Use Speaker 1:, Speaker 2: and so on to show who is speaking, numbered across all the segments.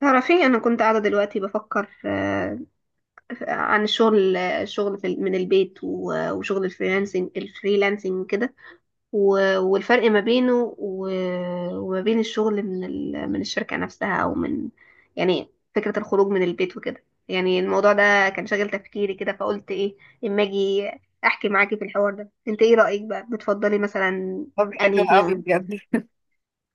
Speaker 1: تعرفي انا كنت قاعده دلوقتي بفكر، عن الشغل في من البيت وشغل الفريلانسنج كده، والفرق ما بينه وما بين الشغل من من الشركه نفسها او من، يعني فكره الخروج من البيت وكده. يعني الموضوع ده كان شاغل تفكيري كده، فقلت ايه اما اجي احكي معاكي في الحوار ده. انت ايه رايك بقى، بتفضلي مثلا
Speaker 2: طب، حلو
Speaker 1: انهي
Speaker 2: قوي
Speaker 1: فيهم؟
Speaker 2: بجد.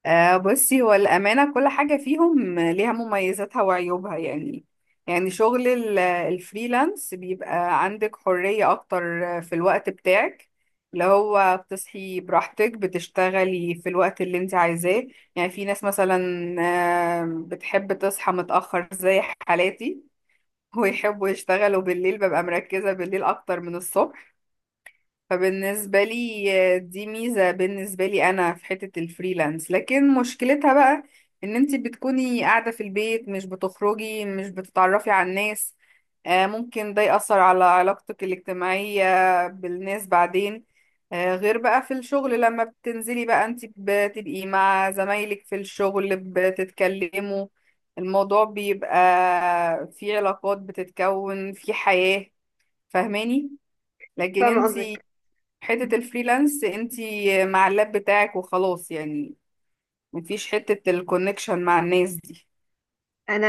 Speaker 2: آه، بصي، هو الأمانة كل حاجة فيهم ليها مميزاتها وعيوبها يعني. يعني شغل الفريلانس بيبقى عندك حرية أكتر في الوقت بتاعك، اللي هو بتصحي براحتك، بتشتغلي في الوقت اللي انت عايزاه. يعني في ناس مثلا، بتحب تصحى متأخر زي حالاتي، ويحبوا يشتغلوا بالليل، ببقى مركزة بالليل أكتر من الصبح. فبالنسبة لي، دي ميزة بالنسبة لي أنا في حتة الفريلانس. لكن مشكلتها بقى إن أنتي بتكوني قاعدة في البيت، مش بتخرجي، مش بتتعرفي على الناس. ممكن ده يأثر على علاقتك الاجتماعية بالناس بعدين. غير بقى في الشغل لما بتنزلي بقى، أنتي بتبقي مع زمايلك في الشغل، بتتكلموا، الموضوع بيبقى في علاقات، بتتكون في حياة. فاهماني؟ لكن
Speaker 1: فاهمه
Speaker 2: انت
Speaker 1: قصدك.
Speaker 2: حتة الفريلانس انتي مع اللاب بتاعك وخلاص يعني، مفيش حتة الكونكشن مع الناس دي.
Speaker 1: انا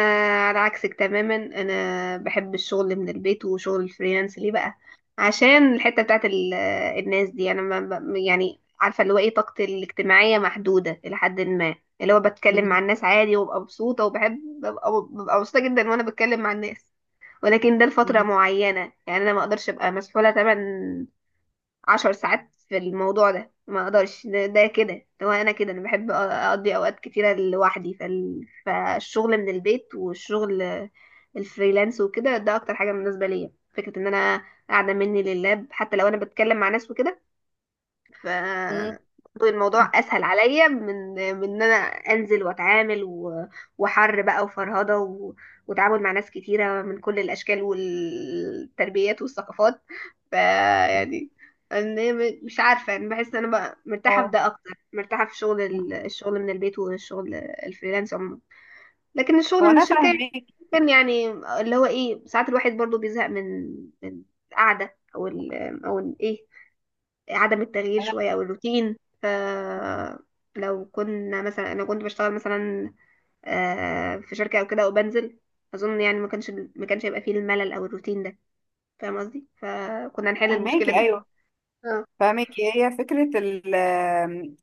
Speaker 1: على عكسك تماما، انا بحب الشغل من البيت وشغل الفريلانس، ليه بقى؟ عشان الحته بتاعت الناس دي، انا ما ب- يعني عارفه اللي هو ايه، طاقتي الاجتماعيه محدوده الى حد ما. اللي هو بتكلم مع
Speaker 2: مم.
Speaker 1: الناس عادي وببقى مبسوطه، وبحب ببقى مبسوطه جدا وانا بتكلم مع الناس، ولكن ده لفتره
Speaker 2: مم.
Speaker 1: معينه. يعني انا ما اقدرش ابقى مسحوله تمام عشر ساعات في الموضوع ده، ما اقدرش. ده كده، هو انا انا بحب اقضي اوقات كتيره لوحدي. فالشغل من البيت والشغل الفريلانس وكده، ده اكتر حاجه مناسبه ليا، فكره ان انا قاعده مني لللاب حتى لو انا بتكلم مع ناس وكده. ف
Speaker 2: مم.
Speaker 1: الموضوع اسهل عليا من ان انا انزل واتعامل وحر بقى وفرهضه وتعامل مع ناس كتيره من كل الاشكال والتربيات والثقافات. يعني أنا مش عارفه، انا بحس ان انا بقى مرتاحه في
Speaker 2: اه،
Speaker 1: ده اكتر، مرتاحه في شغل الشغل من البيت والشغل الفريلانس عموما. لكن الشغل
Speaker 2: هو
Speaker 1: من
Speaker 2: انا
Speaker 1: الشركه
Speaker 2: فاهماكي،
Speaker 1: كان يعني اللي هو ايه، ساعات الواحد برضو بيزهق من من القعده او او ايه، عدم التغيير
Speaker 2: انا
Speaker 1: شوية أو الروتين. ف لو كنا مثلا، أنا كنت بشتغل مثلا في شركة أو كده وبنزل، أظن يعني ما كانش هيبقى فيه الملل أو الروتين ده، فاهم قصدي؟ فكنا نحل المشكلة
Speaker 2: فاهماكي،
Speaker 1: دي.
Speaker 2: ايوه
Speaker 1: اه،
Speaker 2: فاهماكي. هي فكرة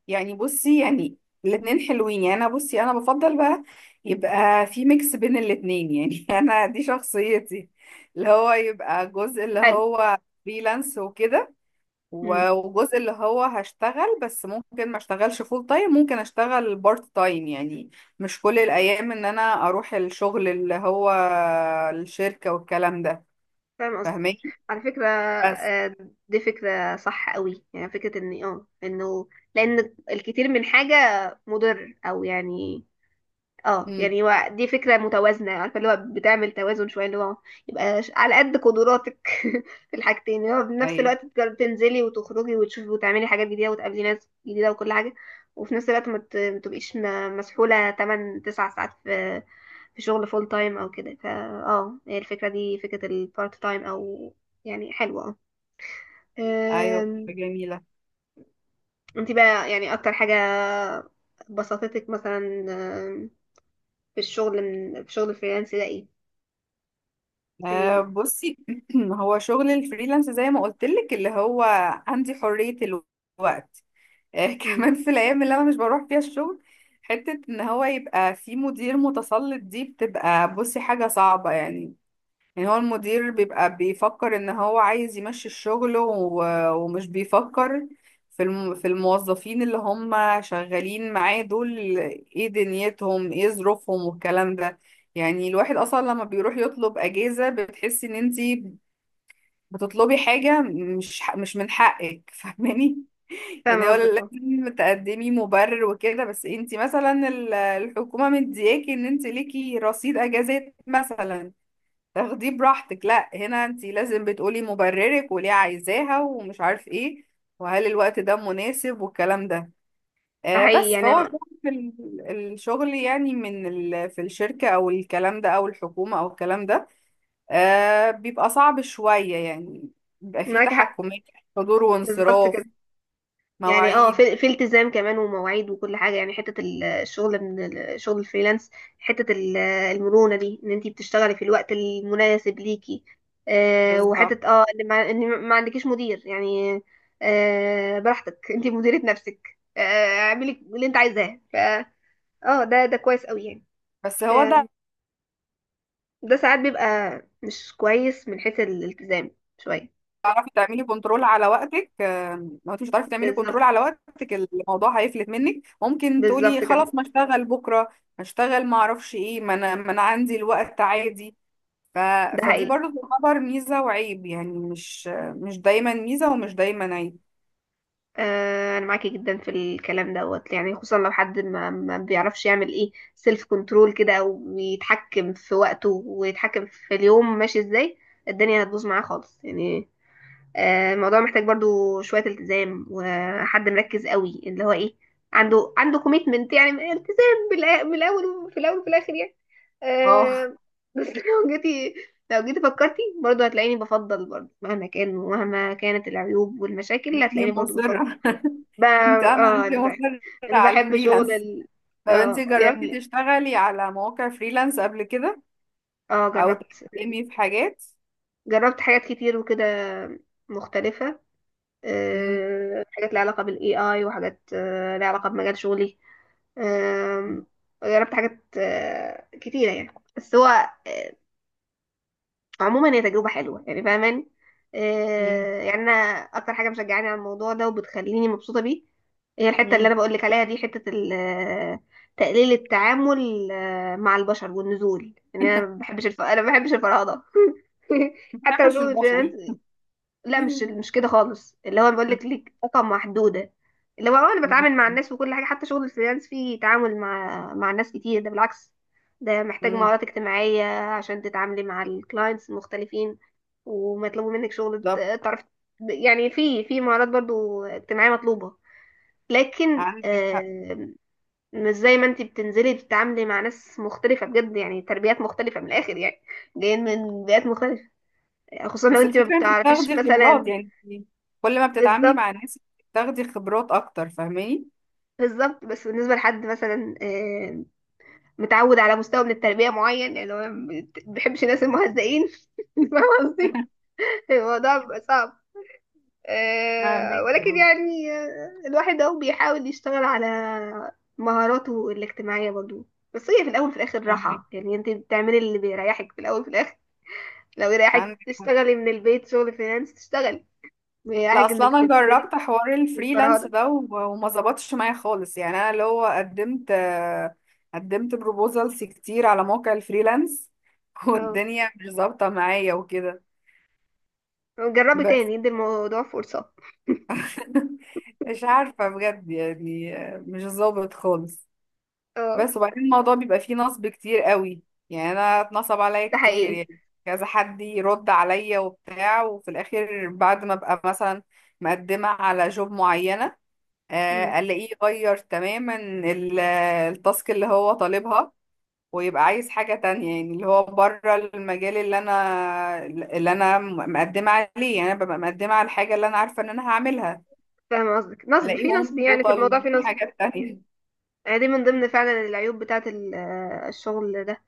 Speaker 2: يعني، بصي، يعني الاتنين حلوين يعني. انا، بصي، انا بفضل بقى يبقى في ميكس بين الاتنين يعني. انا دي شخصيتي، اللي هو يبقى جزء اللي
Speaker 1: حلو.
Speaker 2: هو فريلانس وكده،
Speaker 1: امم،
Speaker 2: وجزء اللي هو هشتغل. بس ممكن ما اشتغلش فول تايم، ممكن اشتغل بارت تايم يعني، مش كل الايام ان انا اروح الشغل، اللي هو الشركة والكلام ده.
Speaker 1: فاهم قصدي.
Speaker 2: فاهماني؟
Speaker 1: على فكرة
Speaker 2: بس
Speaker 1: دي فكرة صح قوي، يعني فكرة إن اه إنه، لأن الكثير من حاجة مضر، أو يعني اه
Speaker 2: امم،
Speaker 1: يعني هو دي فكرة متوازنة، عارفة اللي هو بتعمل توازن شوية، اللي هو يبقى على قد قدراتك. في الحاجتين، اللي هو في نفس
Speaker 2: ايوه،
Speaker 1: الوقت تنزلي وتخرجي وتشوفي وتعملي حاجات جديدة وتقابلي ناس جديدة وكل حاجة، وفي نفس الوقت ما تبقيش مسحولة 8 9 ساعات في شغل فول تايم او كده. اه، هي الفكرة دي فكرة البارت تايم، او يعني حلوة. اه،
Speaker 2: ايوه، فكرة جميلة.
Speaker 1: انت بقى يعني اكتر حاجة بسطتك مثلا، أم، في الشغل من في شغل الفريلانس ده، ايه؟
Speaker 2: آه،
Speaker 1: سنين.
Speaker 2: بصي، هو شغل الفريلانس زي ما قلت لك اللي هو عندي حرية الوقت. آه
Speaker 1: امم،
Speaker 2: كمان في الايام اللي انا مش بروح فيها الشغل. حتة ان هو يبقى في مدير متسلط، دي بتبقى، بصي، حاجة صعبة يعني. يعني هو المدير بيبقى بيفكر ان هو عايز يمشي الشغل، ومش بيفكر في الموظفين اللي هم شغالين معاه دول، ايه دنيتهم، ايه ظروفهم، والكلام ده. يعني الواحد اصلا لما بيروح يطلب اجازة بتحسي ان انتي بتطلبي حاجة مش من حقك. فاهماني؟
Speaker 1: فاهم
Speaker 2: يعني هو
Speaker 1: قصدك. اه،
Speaker 2: لازم تقدمي مبرر وكده، بس انتي مثلا الحكومة مدياكي ان انتي ليكي رصيد اجازات مثلا تاخديه براحتك. لا، هنا انت لازم بتقولي مبررك وليه عايزاها ومش عارف ايه، وهل الوقت ده مناسب، والكلام ده.
Speaker 1: ده حقيقي
Speaker 2: بس
Speaker 1: يعني.
Speaker 2: فهو
Speaker 1: آه،
Speaker 2: شغل في الشغل يعني في الشركة او الكلام ده او الحكومة او الكلام ده. بيبقى صعب شوية يعني، بيبقى فيه
Speaker 1: معاك حق،
Speaker 2: تحكمات، حضور
Speaker 1: بالظبط كده.
Speaker 2: وانصراف،
Speaker 1: يعني اه،
Speaker 2: مواعيد.
Speaker 1: في التزام كمان، ومواعيد، وكل حاجه يعني. حته الشغل من الشغل الفريلانس، حته المرونه دي ان انتي بتشتغلي في الوقت المناسب ليكي،
Speaker 2: بالظبط،
Speaker 1: وحته اه ان ما, إن ما عندكيش مدير يعني، براحتك، انتي مديره نفسك، اعملي اللي انت عايزاه. اه، ده كويس قوي يعني.
Speaker 2: بس هو
Speaker 1: آه،
Speaker 2: ده،
Speaker 1: ده ساعات بيبقى مش كويس من حيث الالتزام شويه.
Speaker 2: تعرفي تعملي كنترول على وقتك. لو انت مش هتعرفي تعملي كنترول
Speaker 1: بالظبط،
Speaker 2: على وقتك، الموضوع هيفلت منك، ممكن
Speaker 1: بالظبط
Speaker 2: تقولي
Speaker 1: كده.
Speaker 2: خلاص ما اشتغل بكره، ما اشتغل، ما اعرفش ايه، ما انا عندي الوقت عادي. ف...
Speaker 1: ده
Speaker 2: فدي
Speaker 1: حقيقي.
Speaker 2: برضو تعتبر ميزه وعيب يعني، مش دايما ميزه ومش دايما عيب.
Speaker 1: آه انا معاكي جدا في الكلام دوت يعني، خصوصا لو حد ما بيعرفش يعمل ايه سيلف كنترول كده، او يتحكم في وقته ويتحكم في اليوم ماشي ازاي، الدنيا هتبوظ معاه خالص يعني. الموضوع محتاج برضو شوية التزام وحد مركز قوي، اللي هو ايه، عنده كوميتمنت، يعني التزام، من الاول وفي الاول وفي الاخر يعني.
Speaker 2: اه،
Speaker 1: آه، بس لو جيتي، فكرتي برضو، هتلاقيني بفضل برضو، مهما كان ومهما كانت العيوب والمشاكل
Speaker 2: انت
Speaker 1: هتلاقيني برضو بفكر.
Speaker 2: مصره.
Speaker 1: ب...
Speaker 2: انت انا
Speaker 1: اه
Speaker 2: انت مصره
Speaker 1: أنا
Speaker 2: على
Speaker 1: بحب شغل
Speaker 2: الفريلانس. طب، انت
Speaker 1: اه
Speaker 2: جربتي
Speaker 1: يعني.
Speaker 2: تشتغلي على مواقع فريلانس قبل كده
Speaker 1: اه،
Speaker 2: او
Speaker 1: جربت.
Speaker 2: تقدمي في حاجات؟
Speaker 1: جربت حاجات كتير وكده مختلفة.
Speaker 2: مم.
Speaker 1: حاجات ليها علاقة بالاي اي، وحاجات آه، ليها علاقة بمجال شغلي. آم، جربت حاجات كتيرة يعني. بس هو عموما هي تجربة حلوة يعني، فاهماني؟
Speaker 2: مم.
Speaker 1: يعني انا اكتر حاجة مشجعاني على الموضوع ده وبتخليني مبسوطة بيه، هي الحتة اللي انا
Speaker 2: مم.
Speaker 1: بقولك عليها دي، حتة تقليل التعامل مع البشر والنزول. يعني انا ما بحبش انا ما بحبش الفراغ ده
Speaker 2: ما
Speaker 1: حتى لو
Speaker 2: بحبش
Speaker 1: شغل
Speaker 2: البشر.
Speaker 1: الفريلانسنج، لا مش
Speaker 2: مم،
Speaker 1: مش كده خالص، اللي هو بقول لك ليك طاقة محدودة. اللي هو انا بتعامل مع الناس وكل حاجة، حتى شغل الفريلانس فيه تعامل مع ناس كتير. ده بالعكس، ده محتاج مهارات اجتماعية عشان تتعاملي مع الكلاينتس المختلفين، ومطلوب منك شغل
Speaker 2: بالظبط،
Speaker 1: تعرف. يعني في مهارات برضو اجتماعية مطلوبة، لكن
Speaker 2: عندك حق.
Speaker 1: مش زي ما انت بتنزلي بتتعاملي مع ناس مختلفة بجد يعني، تربيات مختلفة من الآخر يعني، جايين من بيئات مختلفة. يعني خصوصا لو
Speaker 2: بس
Speaker 1: انت ما
Speaker 2: الفكرة انت
Speaker 1: بتعرفيش
Speaker 2: بتاخدي خبرات
Speaker 1: مثلا.
Speaker 2: يعني، انت كل ما بتتعاملي
Speaker 1: بالظبط،
Speaker 2: مع ناس بتاخدي خبرات اكتر، فاهماني؟
Speaker 1: بالظبط. بس بالنسبة لحد مثلا متعود على مستوى من التربية معين، يعني هو ما بيحبش الناس المهزئين فاهم قصدي؟ الموضوع بيبقى صعب.
Speaker 2: فاهمك،
Speaker 1: ولكن يعني الواحد اهو بيحاول يشتغل على مهاراته الاجتماعية برضو. بس هي في الأول وفي الآخر
Speaker 2: فاهمك،
Speaker 1: راحة، يعني انت بتعملي اللي بيريحك في الأول وفي الآخر. لو يريحك
Speaker 2: عندك حق.
Speaker 1: تشتغلي من البيت شغل فريلانس تشتغلي، بيريحك
Speaker 2: لا، اصلا
Speaker 1: انك
Speaker 2: انا
Speaker 1: تنزلي
Speaker 2: جربت حوار الفريلانس
Speaker 1: الفرهدة.
Speaker 2: ده وما ظبطش معايا خالص يعني. انا اللي هو قدمت، قدمت بروبوزلز كتير على موقع الفريلانس.
Speaker 1: اه،
Speaker 2: والدنيا مش ظابطة معايا وكده.
Speaker 1: جربي
Speaker 2: بس
Speaker 1: تاني، ادي الموضوع فرصة.
Speaker 2: مش عارفة بجد يعني، مش ظابط خالص.
Speaker 1: اه،
Speaker 2: بس وبعدين، الموضوع بيبقى فيه نصب كتير قوي، يعني انا اتنصب عليا
Speaker 1: ده
Speaker 2: كتير
Speaker 1: حقيقي.
Speaker 2: يعني. كذا حد يرد عليا وبتاع، وفي الاخر بعد ما ابقى مثلا مقدمة على جوب معينة، الاقيه يغير تماما التاسك اللي هو طالبها، ويبقى عايز حاجة تانية يعني، اللي هو بره المجال اللي انا مقدمة عليه. يعني انا ببقى مقدمة على الحاجة اللي انا عارفة ان انا هعملها،
Speaker 1: فاهمة قصدك، نصب في نصب،
Speaker 2: الاقيهم
Speaker 1: يعني في الموضوع في
Speaker 2: وطالبين
Speaker 1: نصب.
Speaker 2: حاجات
Speaker 1: مم.
Speaker 2: تانية.
Speaker 1: يعني دي من ضمن فعلا العيوب بتاعة الشغل ده.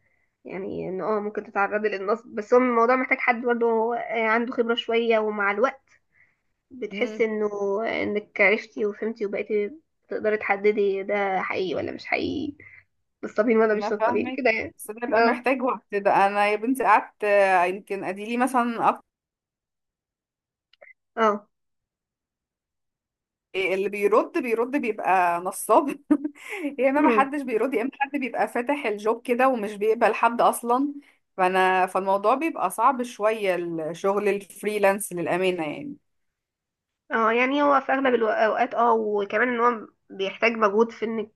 Speaker 1: يعني ان اه ممكن تتعرضي للنصب، بس هو الموضوع محتاج حد برضه هو، آه، عنده خبرة شوية. ومع الوقت بتحسي انه آه، انك عرفتي وفهمتي وبقيتي تقدري تحددي ده حقيقي ولا مش حقيقي، نصابين ولا
Speaker 2: انا
Speaker 1: مش نصابين
Speaker 2: فاهمك،
Speaker 1: كده يعني.
Speaker 2: بس ده بيبقى
Speaker 1: اه.
Speaker 2: محتاج وقت. ده انا يا بنتي قعدت، يمكن اديلي مثلا
Speaker 1: اه.
Speaker 2: اللي بيرد بيرد بيبقى نصاب. يا اما ما
Speaker 1: أمم.
Speaker 2: حدش بيرد، يا اما حد بيبقى فاتح الجوب كده ومش بيقبل حد اصلا. فالموضوع بيبقى صعب شوية، الشغل الفريلانس، للأمانة يعني.
Speaker 1: اه، يعني هو في اغلب الاوقات اه. وكمان ان هو بيحتاج مجهود في انك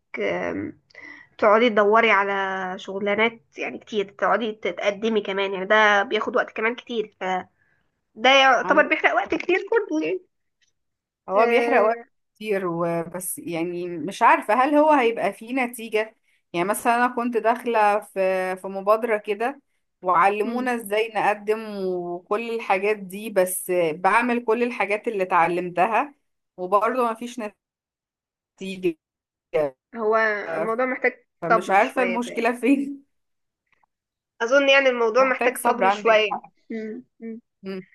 Speaker 1: تقعدي تدوري على شغلانات يعني كتير، تقعدي تتقدمي كمان. يعني ده بياخد وقت كمان كتير، فده يعتبر بيحرق وقت كتير برضه يعني.
Speaker 2: هو بيحرق
Speaker 1: آه،
Speaker 2: وقت كتير وبس، يعني مش عارفة هل هو هيبقى فيه نتيجة. يعني مثلا أنا كنت داخلة في مبادرة كده،
Speaker 1: أمم.
Speaker 2: وعلمونا ازاي نقدم وكل الحاجات دي، بس بعمل كل الحاجات اللي اتعلمتها وبرضه مفيش نتيجة.
Speaker 1: هو الموضوع محتاج
Speaker 2: فمش
Speaker 1: صبر
Speaker 2: عارفة
Speaker 1: شوية بتاعي.
Speaker 2: المشكلة فين.
Speaker 1: أظن يعني الموضوع
Speaker 2: محتاج
Speaker 1: محتاج
Speaker 2: صبر،
Speaker 1: صبر
Speaker 2: عندك
Speaker 1: شوية.
Speaker 2: حق.
Speaker 1: أمم. أمم.
Speaker 2: مم.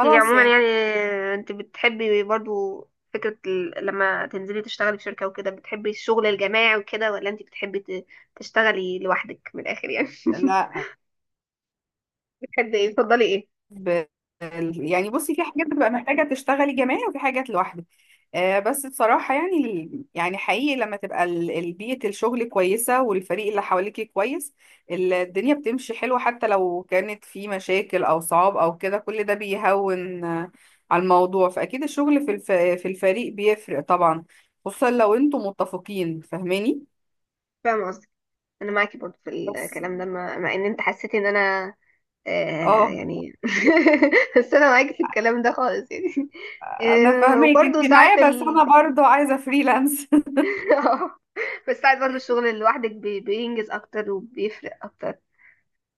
Speaker 1: في عموما
Speaker 2: يعني.
Speaker 1: يعني انت بتحبي برضو فكرة لما تنزلي تشتغلي في شركة وكده، بتحبي الشغل الجماعي وكده، ولا انت بتحبي تشتغلي لوحدك من الآخر يعني
Speaker 2: لا
Speaker 1: بتحبي ايه، تفضلي ايه؟
Speaker 2: ب... يعني، بصي، في حاجات بتبقى محتاجة تشتغلي جماعي وفي حاجات لوحدك. بس بصراحة يعني، يعني حقيقي لما تبقى بيئة الشغل كويسة والفريق اللي حواليكي كويس، الدنيا بتمشي حلوة، حتى لو كانت في مشاكل أو صعاب أو كده كل ده بيهون على الموضوع. فأكيد الشغل في الفريق بيفرق طبعا، خصوصا لو انتم متفقين، فاهماني؟
Speaker 1: فاهمة قصدي. انا معاكي برضه في
Speaker 2: بس،
Speaker 1: الكلام ده، مع ان انت حسيتي ان انا
Speaker 2: اه،
Speaker 1: يعني بس انا معاكي في الكلام ده خالص يعني.
Speaker 2: انا فاهمك،
Speaker 1: وبرضه
Speaker 2: انت معايا،
Speaker 1: ساعات
Speaker 2: بس
Speaker 1: ال
Speaker 2: انا برضو عايزة فريلانس.
Speaker 1: بس ساعات برضه الشغل لوحدك بينجز اكتر وبيفرق اكتر.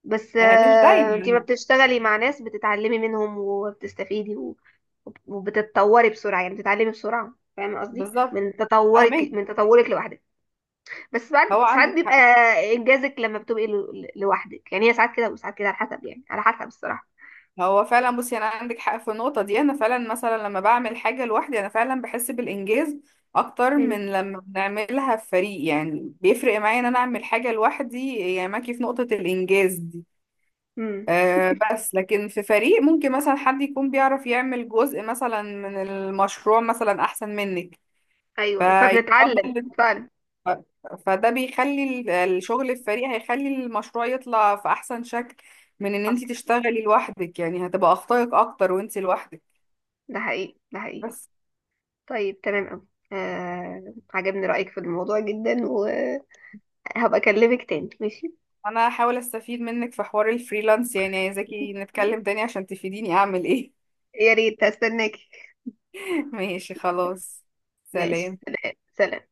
Speaker 1: بس
Speaker 2: مش
Speaker 1: آه، انت ما
Speaker 2: دايما.
Speaker 1: بتشتغلي مع ناس بتتعلمي منهم وبتستفيدي وبتتطوري بسرعة، يعني بتتعلمي بسرعة، فاهمة قصدي؟
Speaker 2: بالظبط،
Speaker 1: من تطورك، من
Speaker 2: فاهمك،
Speaker 1: تطورك لوحدك. بس
Speaker 2: هو
Speaker 1: بعد ساعات
Speaker 2: عندك
Speaker 1: بيبقى
Speaker 2: حق.
Speaker 1: انجازك لما بتبقي لوحدك يعني، هي ساعات كده وساعات كده على حسب، يعني على حسب الصراحة.
Speaker 2: هو فعلا، بصي، انا عندك حق في النقطه دي. انا فعلا مثلا لما بعمل حاجه لوحدي انا فعلا بحس بالانجاز اكتر
Speaker 1: مم.
Speaker 2: من لما بنعملها في فريق، يعني بيفرق معايا ان انا اعمل حاجه لوحدي، يعني معاكي في نقطه الانجاز دي.
Speaker 1: امم.
Speaker 2: أه، بس لكن في فريق ممكن مثلا حد يكون بيعرف يعمل جزء مثلا من المشروع مثلا احسن منك
Speaker 1: ايوه، فبنتعلم
Speaker 2: فيفضل،
Speaker 1: فعلا.
Speaker 2: ف- فده بيخلي الشغل الفريق هيخلي المشروع يطلع في احسن شكل من ان انت
Speaker 1: حصل،
Speaker 2: تشتغلي لوحدك. يعني هتبقى اخطائك اكتر وانت لوحدك.
Speaker 1: ده حقيقي، ده حقيقي.
Speaker 2: بس
Speaker 1: طيب تمام قوي. آه، عجبني رأيك في الموضوع جدا، وهبقى اكلمك تاني ماشي؟
Speaker 2: انا هحاول استفيد منك في حوار الفريلانس، يعني عايزاكي نتكلم تاني عشان تفيديني اعمل ايه.
Speaker 1: يا ريت، هستناكي.
Speaker 2: ماشي، خلاص.
Speaker 1: ماشي،
Speaker 2: سلام.
Speaker 1: سلام سلام.